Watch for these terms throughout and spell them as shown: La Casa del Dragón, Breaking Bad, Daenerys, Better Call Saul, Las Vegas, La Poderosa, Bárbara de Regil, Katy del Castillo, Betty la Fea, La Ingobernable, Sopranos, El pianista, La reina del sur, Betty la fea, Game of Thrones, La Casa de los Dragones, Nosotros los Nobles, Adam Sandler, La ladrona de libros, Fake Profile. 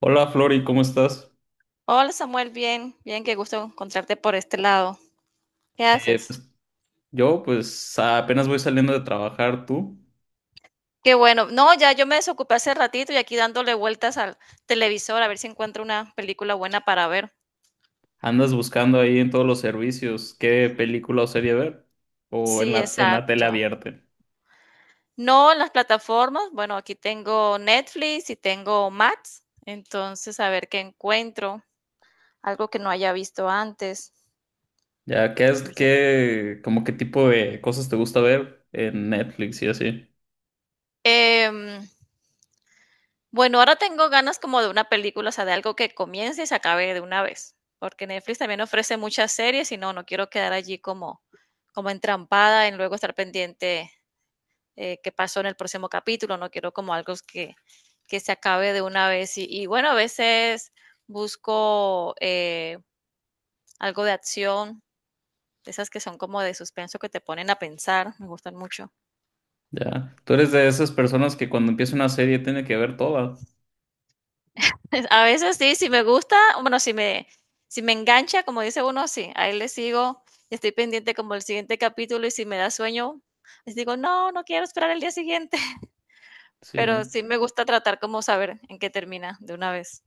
Hola Flori, ¿cómo estás? Hola Samuel, bien, bien, qué gusto encontrarte por este lado. ¿Qué Eh, haces? pues, yo pues apenas voy saliendo de trabajar, ¿tú? Qué bueno. No, ya yo me desocupé hace ratito y aquí dándole vueltas al televisor a ver si encuentro una película buena para ver. ¿Andas buscando ahí en todos los servicios qué película o serie ver? ¿O en Sí, la tele exacto. abierta? No, en las plataformas, bueno, aquí tengo Netflix y tengo Max, entonces a ver qué encuentro, algo que no haya visto antes. Ya, ¿qué es, qué, como qué tipo de cosas te gusta ver en Netflix y así? Em, Bueno, ahora tengo ganas como de una película, o sea, de algo que comience y se acabe de una vez, porque Netflix también ofrece muchas series y no, no quiero quedar allí como, como entrampada en luego estar pendiente, qué pasó en el próximo capítulo, no quiero como algo que se acabe de una vez. Y bueno, a veces busco algo de acción, de esas que son como de suspenso que te ponen a pensar, me gustan mucho. Ya, tú eres de esas personas que cuando empieza una serie tiene que ver toda. A veces sí, si me gusta, bueno, si me, si me engancha, como dice uno, sí, a él le sigo y estoy pendiente como el siguiente capítulo y si me da sueño, les digo, no, no quiero esperar el día siguiente. Sí. Pero sí me gusta tratar como saber en qué termina de una vez.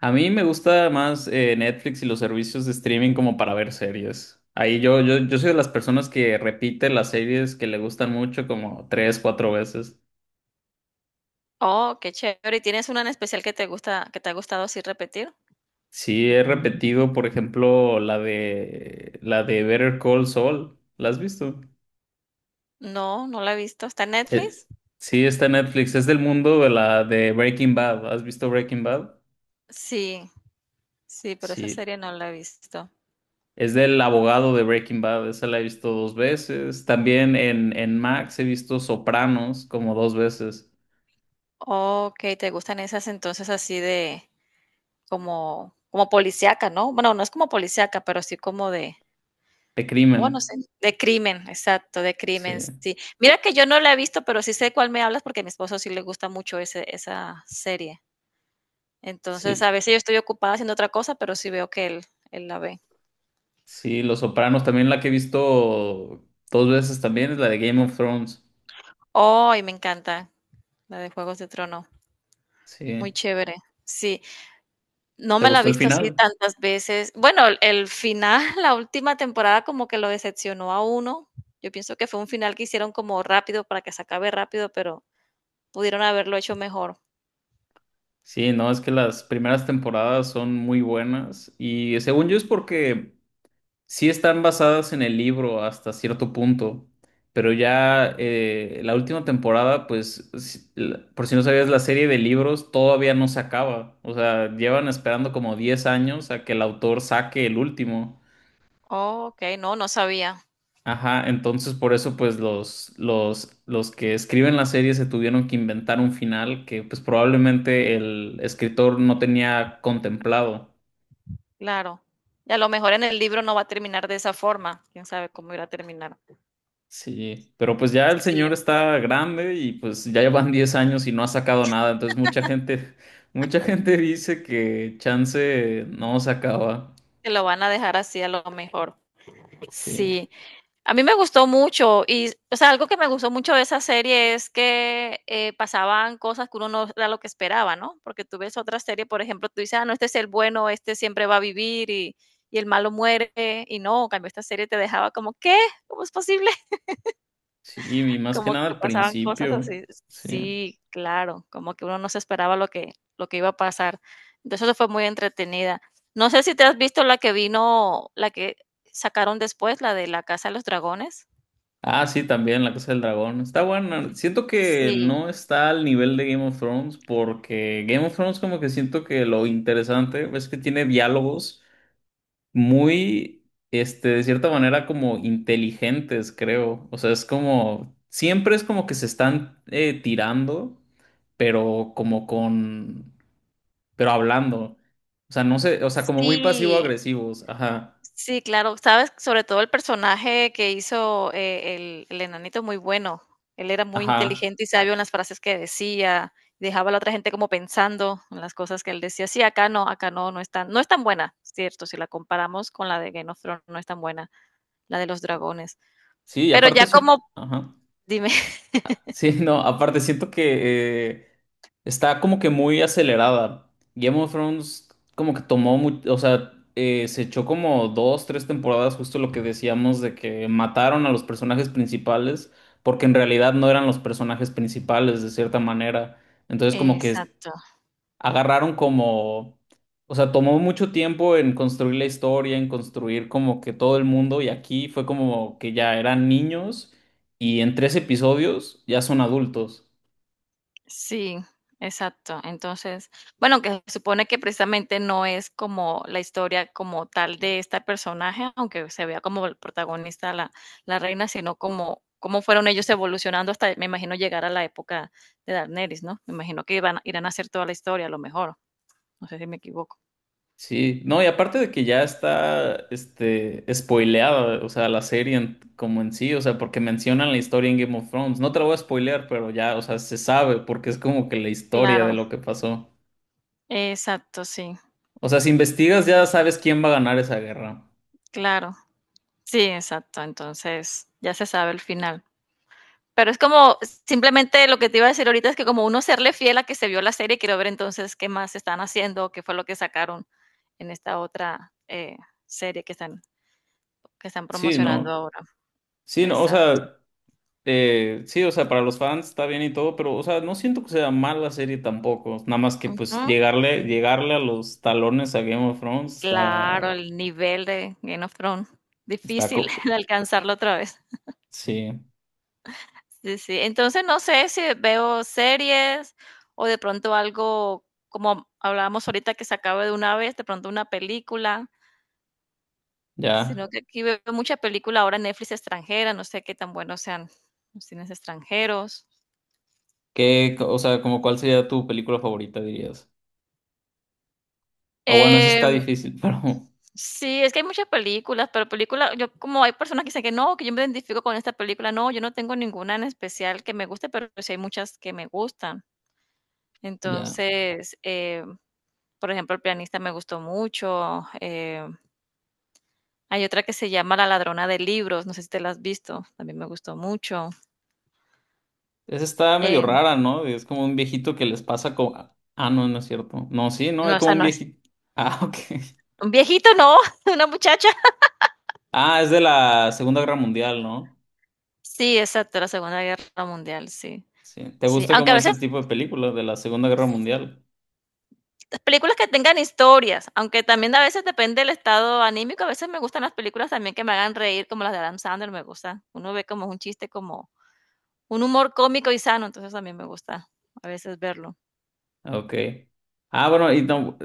A mí me gusta más Netflix y los servicios de streaming como para ver series. Ahí yo soy de las personas que repite las series que le gustan mucho como tres, cuatro veces. Oh, qué chévere. ¿Y tienes una en especial que te gusta, que te ha gustado así repetir? Sí, he repetido, por ejemplo, la de Better Call Saul. ¿La has visto? No, no la he visto. ¿Está en Eh, Netflix? sí, está en Netflix. Es del mundo de la de Breaking Bad. ¿Has visto Breaking Bad? Sí, sí, pero esa Sí. serie no la he visto. Es del abogado de Breaking Bad. Esa la he visto dos veces. También en Max he visto Sopranos como dos veces. Ok, ¿te gustan esas entonces así de, como como policíaca, no? Bueno, no es como policíaca, pero sí como de, De bueno, crimen. sí, de crimen, exacto, de Sí, crimen, sí. Mira que yo no la he visto, pero sí sé de cuál me hablas porque a mi esposo sí le gusta mucho ese, esa serie. Entonces, a sí, veces yo estoy ocupada haciendo otra cosa, pero sí veo que él la ve. sí. Los Sopranos también la que he visto dos veces también es la de Game of Thrones. ¡Ay, me encanta! La de Juegos de Trono. Muy Sí. chévere. Sí. No ¿Te me la he gustó el visto así final? tantas veces. Bueno, el final, la última temporada como que lo decepcionó a uno. Yo pienso que fue un final que hicieron como rápido para que se acabe rápido, pero pudieron haberlo hecho mejor. Sí, no, es que las primeras temporadas son muy buenas y según yo es porque sí están basadas en el libro hasta cierto punto, pero ya la última temporada, pues, por si no sabías, la serie de libros todavía no se acaba, o sea, llevan esperando como 10 años a que el autor saque el último. Okey, no, no sabía. Ajá, entonces por eso pues los que escriben la serie se tuvieron que inventar un final que pues probablemente el escritor no tenía contemplado. Claro. Y a lo mejor en el libro no va a terminar de esa forma. Quién sabe cómo irá a terminar. Sí, pero pues ya el Sí, señor está grande y pues ya llevan 10 años y no ha sacado nada, entonces mucha gente dice que chance no sacaba. que lo van a dejar así a lo mejor. Sí, Sí. A mí me gustó mucho y, o sea, algo que me gustó mucho de esa serie es que, pasaban cosas que uno no era lo que esperaba, ¿no? Porque tú ves otra serie, por ejemplo, tú dices: "Ah, no, este es el bueno, este siempre va a vivir y el malo muere", y no, en cambio esta serie te dejaba como: "¿Qué? ¿Cómo es posible?". sí, y más que Como nada que al pasaban cosas principio. así. Sí. Sí, claro, como que uno no se esperaba lo que iba a pasar. Entonces, eso fue muy entretenida. No sé si te has visto la que vino la que sacaron después, la de La Casa de los Dragones. Ah, sí, también La Casa del Dragón. Está buena. Siento que Sí. no está al nivel de Game of Thrones porque Game of Thrones como que siento que lo interesante es que tiene diálogos muy, este, de cierta manera como inteligentes, creo. O sea, es como, siempre es como que se están tirando, pero como con, pero hablando. O sea, no sé, o sea, como muy Sí, pasivo-agresivos. Ajá, sí, claro, sabes, sobre todo el personaje que hizo, el enanito muy bueno. Él era muy ajá. inteligente y sabio en las frases que decía, dejaba a la otra gente como pensando en las cosas que él decía. Sí, acá no, no es tan, no es tan buena, cierto, si la comparamos con la de Game of Thrones, no es tan buena, la de los dragones. Sí, y Pero aparte ya siento, como ajá. dime. Sí, no, aparte siento que está como que muy acelerada. Game of Thrones como que tomó mucho, o sea, se echó como dos, tres temporadas, justo lo que decíamos de que mataron a los personajes principales, porque en realidad no eran los personajes principales de cierta manera. Entonces como que Exacto. agarraron como, o sea, tomó mucho tiempo en construir la historia, en construir como que todo el mundo y aquí fue como que ya eran niños y en tres episodios ya son adultos. Sí, exacto. Entonces, bueno, que se supone que precisamente no es como la historia como tal de este personaje, aunque se vea como el protagonista la, la reina, sino como cómo fueron ellos evolucionando hasta, me imagino, llegar a la época de Daenerys, ¿no? Me imagino que iban, irán a hacer toda la historia, a lo mejor. No sé si me equivoco. Sí, no, y aparte de que ya está, este, spoileada, o sea, la serie como en sí, o sea, porque mencionan la historia en Game of Thrones. No te la voy a spoilear, pero ya, o sea, se sabe porque es como que la historia de Claro, lo que pasó. exacto, sí. O sea, si Sí, investigas sí. ya sabes quién va a ganar esa guerra. Claro, sí, exacto. Entonces, ya se sabe el final. Pero es como, simplemente lo que te iba a decir ahorita es que como uno serle fiel a que se vio la serie, quiero ver entonces qué más están haciendo, qué fue lo que sacaron en esta otra serie que están Sí, promocionando no. ahora. Sí, no, o Exacto. sea, sí, o sea, para los fans está bien y todo, pero, o sea, no siento que sea mala serie tampoco. Nada más que, pues, Ujú. llegarle, llegarle a los talones a Game of Thrones Claro, el nivel de Game of Thrones. está, Difícil co- de alcanzarlo otra vez. sí, Sí, sí. Entonces no sé si veo series o de pronto algo como hablábamos ahorita que se acabe de una vez, de pronto una película. Sino ya. que aquí veo mucha película ahora en Netflix extranjera, no sé qué tan buenos sean los cines extranjeros. ¿Qué, o sea, como cuál sería tu película favorita, dirías? O bueno, esa está Em, difícil, pero sí, es que hay muchas películas, pero película yo como hay personas que dicen que no, que yo me identifico con esta película, no, yo no tengo ninguna en especial que me guste, pero sí hay muchas que me gustan. ya. Entonces, por ejemplo, El pianista me gustó mucho. Hay otra que se llama La ladrona de libros, no sé si te la has visto, también me gustó mucho. Esa está medio Eh, rara, ¿no? Es como un viejito que les pasa como... Ah, ah, no, no es cierto. No, sí, no, no, es o como sea un no es. viejito. Ah, ok. Un viejito, no, una muchacha. Ah, es de la Segunda Guerra Mundial, ¿no? Sí, exacto, la Segunda Guerra Mundial, sí. Sí. ¿Te Sí, gusta aunque a como veces ese tipo de películas de la Segunda Guerra Mundial? películas que tengan historias, aunque también a veces depende del estado anímico, a veces me gustan las películas también que me hagan reír, como las de Adam Sandler, me gusta. Uno ve como un chiste, como un humor cómico y sano, entonces también me gusta a veces verlo. Ah, ok. Ah, bueno, y no,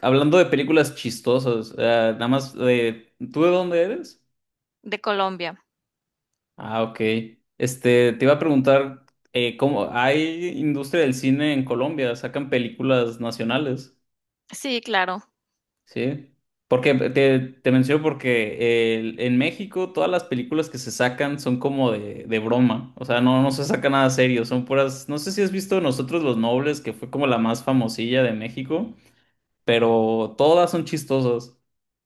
hablando de películas chistosas, nada más de, ¿tú de dónde eres? De Colombia. Ah, ok. Este, te iba a preguntar, ¿cómo hay industria del cine en Colombia? ¿Sacan películas nacionales? Sí, claro. Sí, porque te menciono porque en México todas las películas que se sacan son como de broma, o sea, no, no se saca nada serio, son puras, no sé si has visto Nosotros los Nobles, que fue como la más famosilla de México, pero todas son chistosas,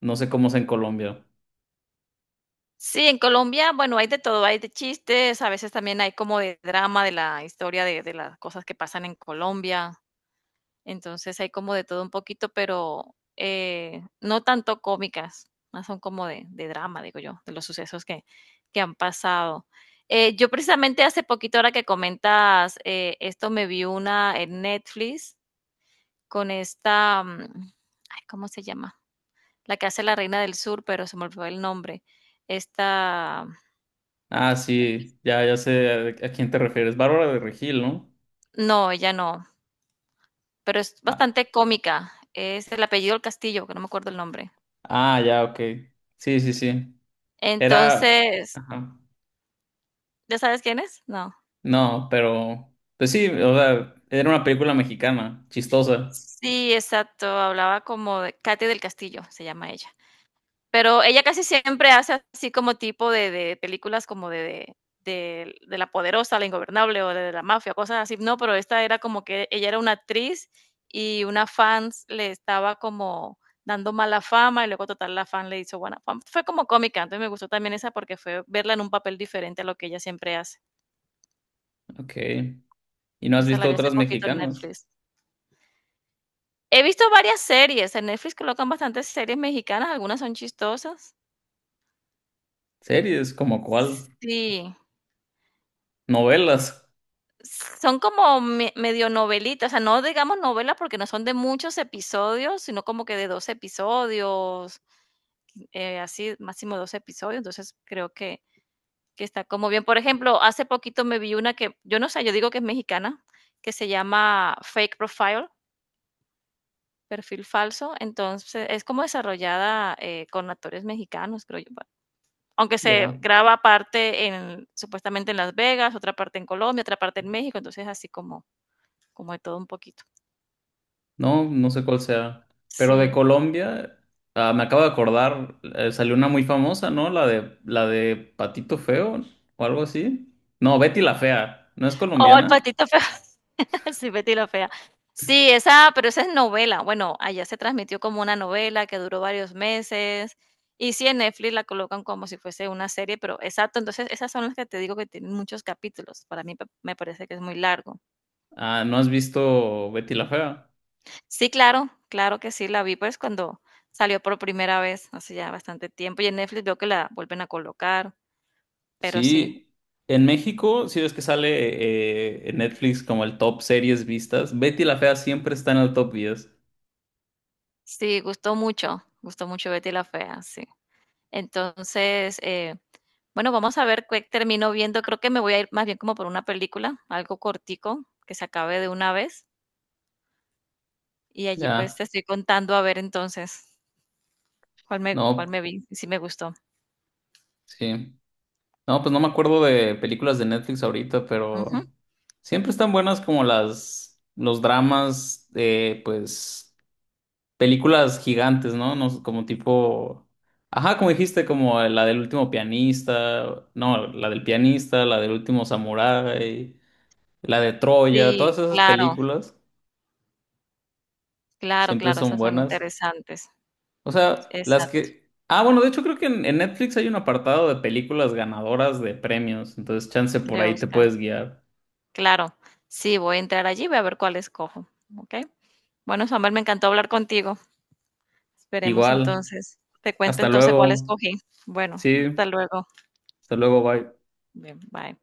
no sé cómo es en Colombia. Sí, en Colombia, bueno, hay de todo, hay de chistes, a veces también hay como de drama de la historia de las cosas que pasan en Colombia. Entonces hay como de todo un poquito, pero, no tanto cómicas, más son como de drama, digo yo, de los sucesos que han pasado. Yo precisamente hace poquito, ahora que comentas, esto me vi una en Netflix con esta, ay, ¿cómo se llama? La que hace la reina del sur, pero se me olvidó el nombre. Esta, Ah, sí, ya, ya sé a quién te refieres, Bárbara de Regil, ¿no? no, ella no, pero es Ah, bastante cómica. Es el apellido del Castillo, que no me acuerdo el nombre. ah, ya, ok, sí, sí, sí, era... Entonces, ajá. ¿ya sabes quién es? No. No, pero pues sí, o sea, era una película mexicana, chistosa. Sí, exacto, hablaba como de Katy del Castillo, se llama ella. Pero ella casi siempre hace así como tipo de películas como de La Poderosa, La Ingobernable o de la mafia, cosas así, no, pero esta era como que ella era una actriz y una fan le estaba como dando mala fama y luego total la fan le hizo buena fama. Fue como cómica, entonces me gustó también esa porque fue verla en un papel diferente a lo que ella siempre hace. Ok. ¿Y no has Esa la visto vi hace otras poquito en mexicanas? Netflix. He visto varias series, en Netflix colocan bastantes series mexicanas, algunas son chistosas. Series, ¿como cuál? Sí, Novelas. son como me medio novelitas, o sea, no digamos novelas porque no son de muchos episodios, sino como que de dos episodios, así, máximo dos episodios, entonces creo que está como bien. Por ejemplo, hace poquito me vi una que, yo no sé, yo digo que es mexicana, que se llama Fake Profile, perfil falso, entonces es como desarrollada, con actores mexicanos, creo yo, aunque se Ya. graba parte en, supuestamente en Las Vegas, otra parte en Colombia, otra parte en México, entonces así como, como de todo un poquito. No, no sé cuál sea. Pero de Sí. Colombia, ah, me acabo de acordar, salió una muy famosa, ¿no? La de Patito Feo o algo así. No, Betty la Fea. ¿No es Oh, el colombiana? patito feo. Sí, Betty la fea. Sí, esa, pero esa es novela. Bueno, allá se transmitió como una novela que duró varios meses. Y sí, en Netflix la colocan como si fuese una serie, pero exacto, entonces esas son las que te digo que tienen muchos capítulos. Para mí me parece que es muy largo. Ah, ¿no has visto Betty la Fea? Sí, claro, claro que sí, la vi, pues, cuando salió por primera vez, hace ya bastante tiempo, y en Netflix veo que la vuelven a colocar, pero sí, Sí, en México, si ves que sale en Netflix como el top series vistas, Betty la Fea siempre está en el top 10. sí, gustó mucho Betty la Fea, sí. Entonces, bueno, vamos a ver qué termino viendo, creo que me voy a ir más bien como por una película, algo cortico, que se acabe de una vez, y allí pues Ya, te estoy contando a ver entonces cuál no, me vi, y si me gustó. sí. No, pues no me acuerdo de películas de Netflix ahorita, Ujú. pero siempre están buenas como las, los dramas, pues, películas gigantes, ¿no? No, sé, como tipo, ajá, como dijiste, como la del último pianista, no, la del pianista, la del último samurái, la de Troya, Sí, todas esas claro, películas. claro, Siempre claro, son esas son buenas. interesantes, O sea, las exacto, que... Ah, bueno, de hecho creo que en Netflix hay un apartado de películas ganadoras de premios. Entonces, chance por de ahí te Oscar. puedes guiar. Claro, sí, voy a entrar allí, voy a ver cuál escojo, ¿ok? Bueno, Samuel, me encantó hablar contigo. Esperemos Igual. entonces te cuento Hasta entonces cuál luego. escogí. Bueno, hasta Sí. luego. Hasta luego. Bye. Bien, bye.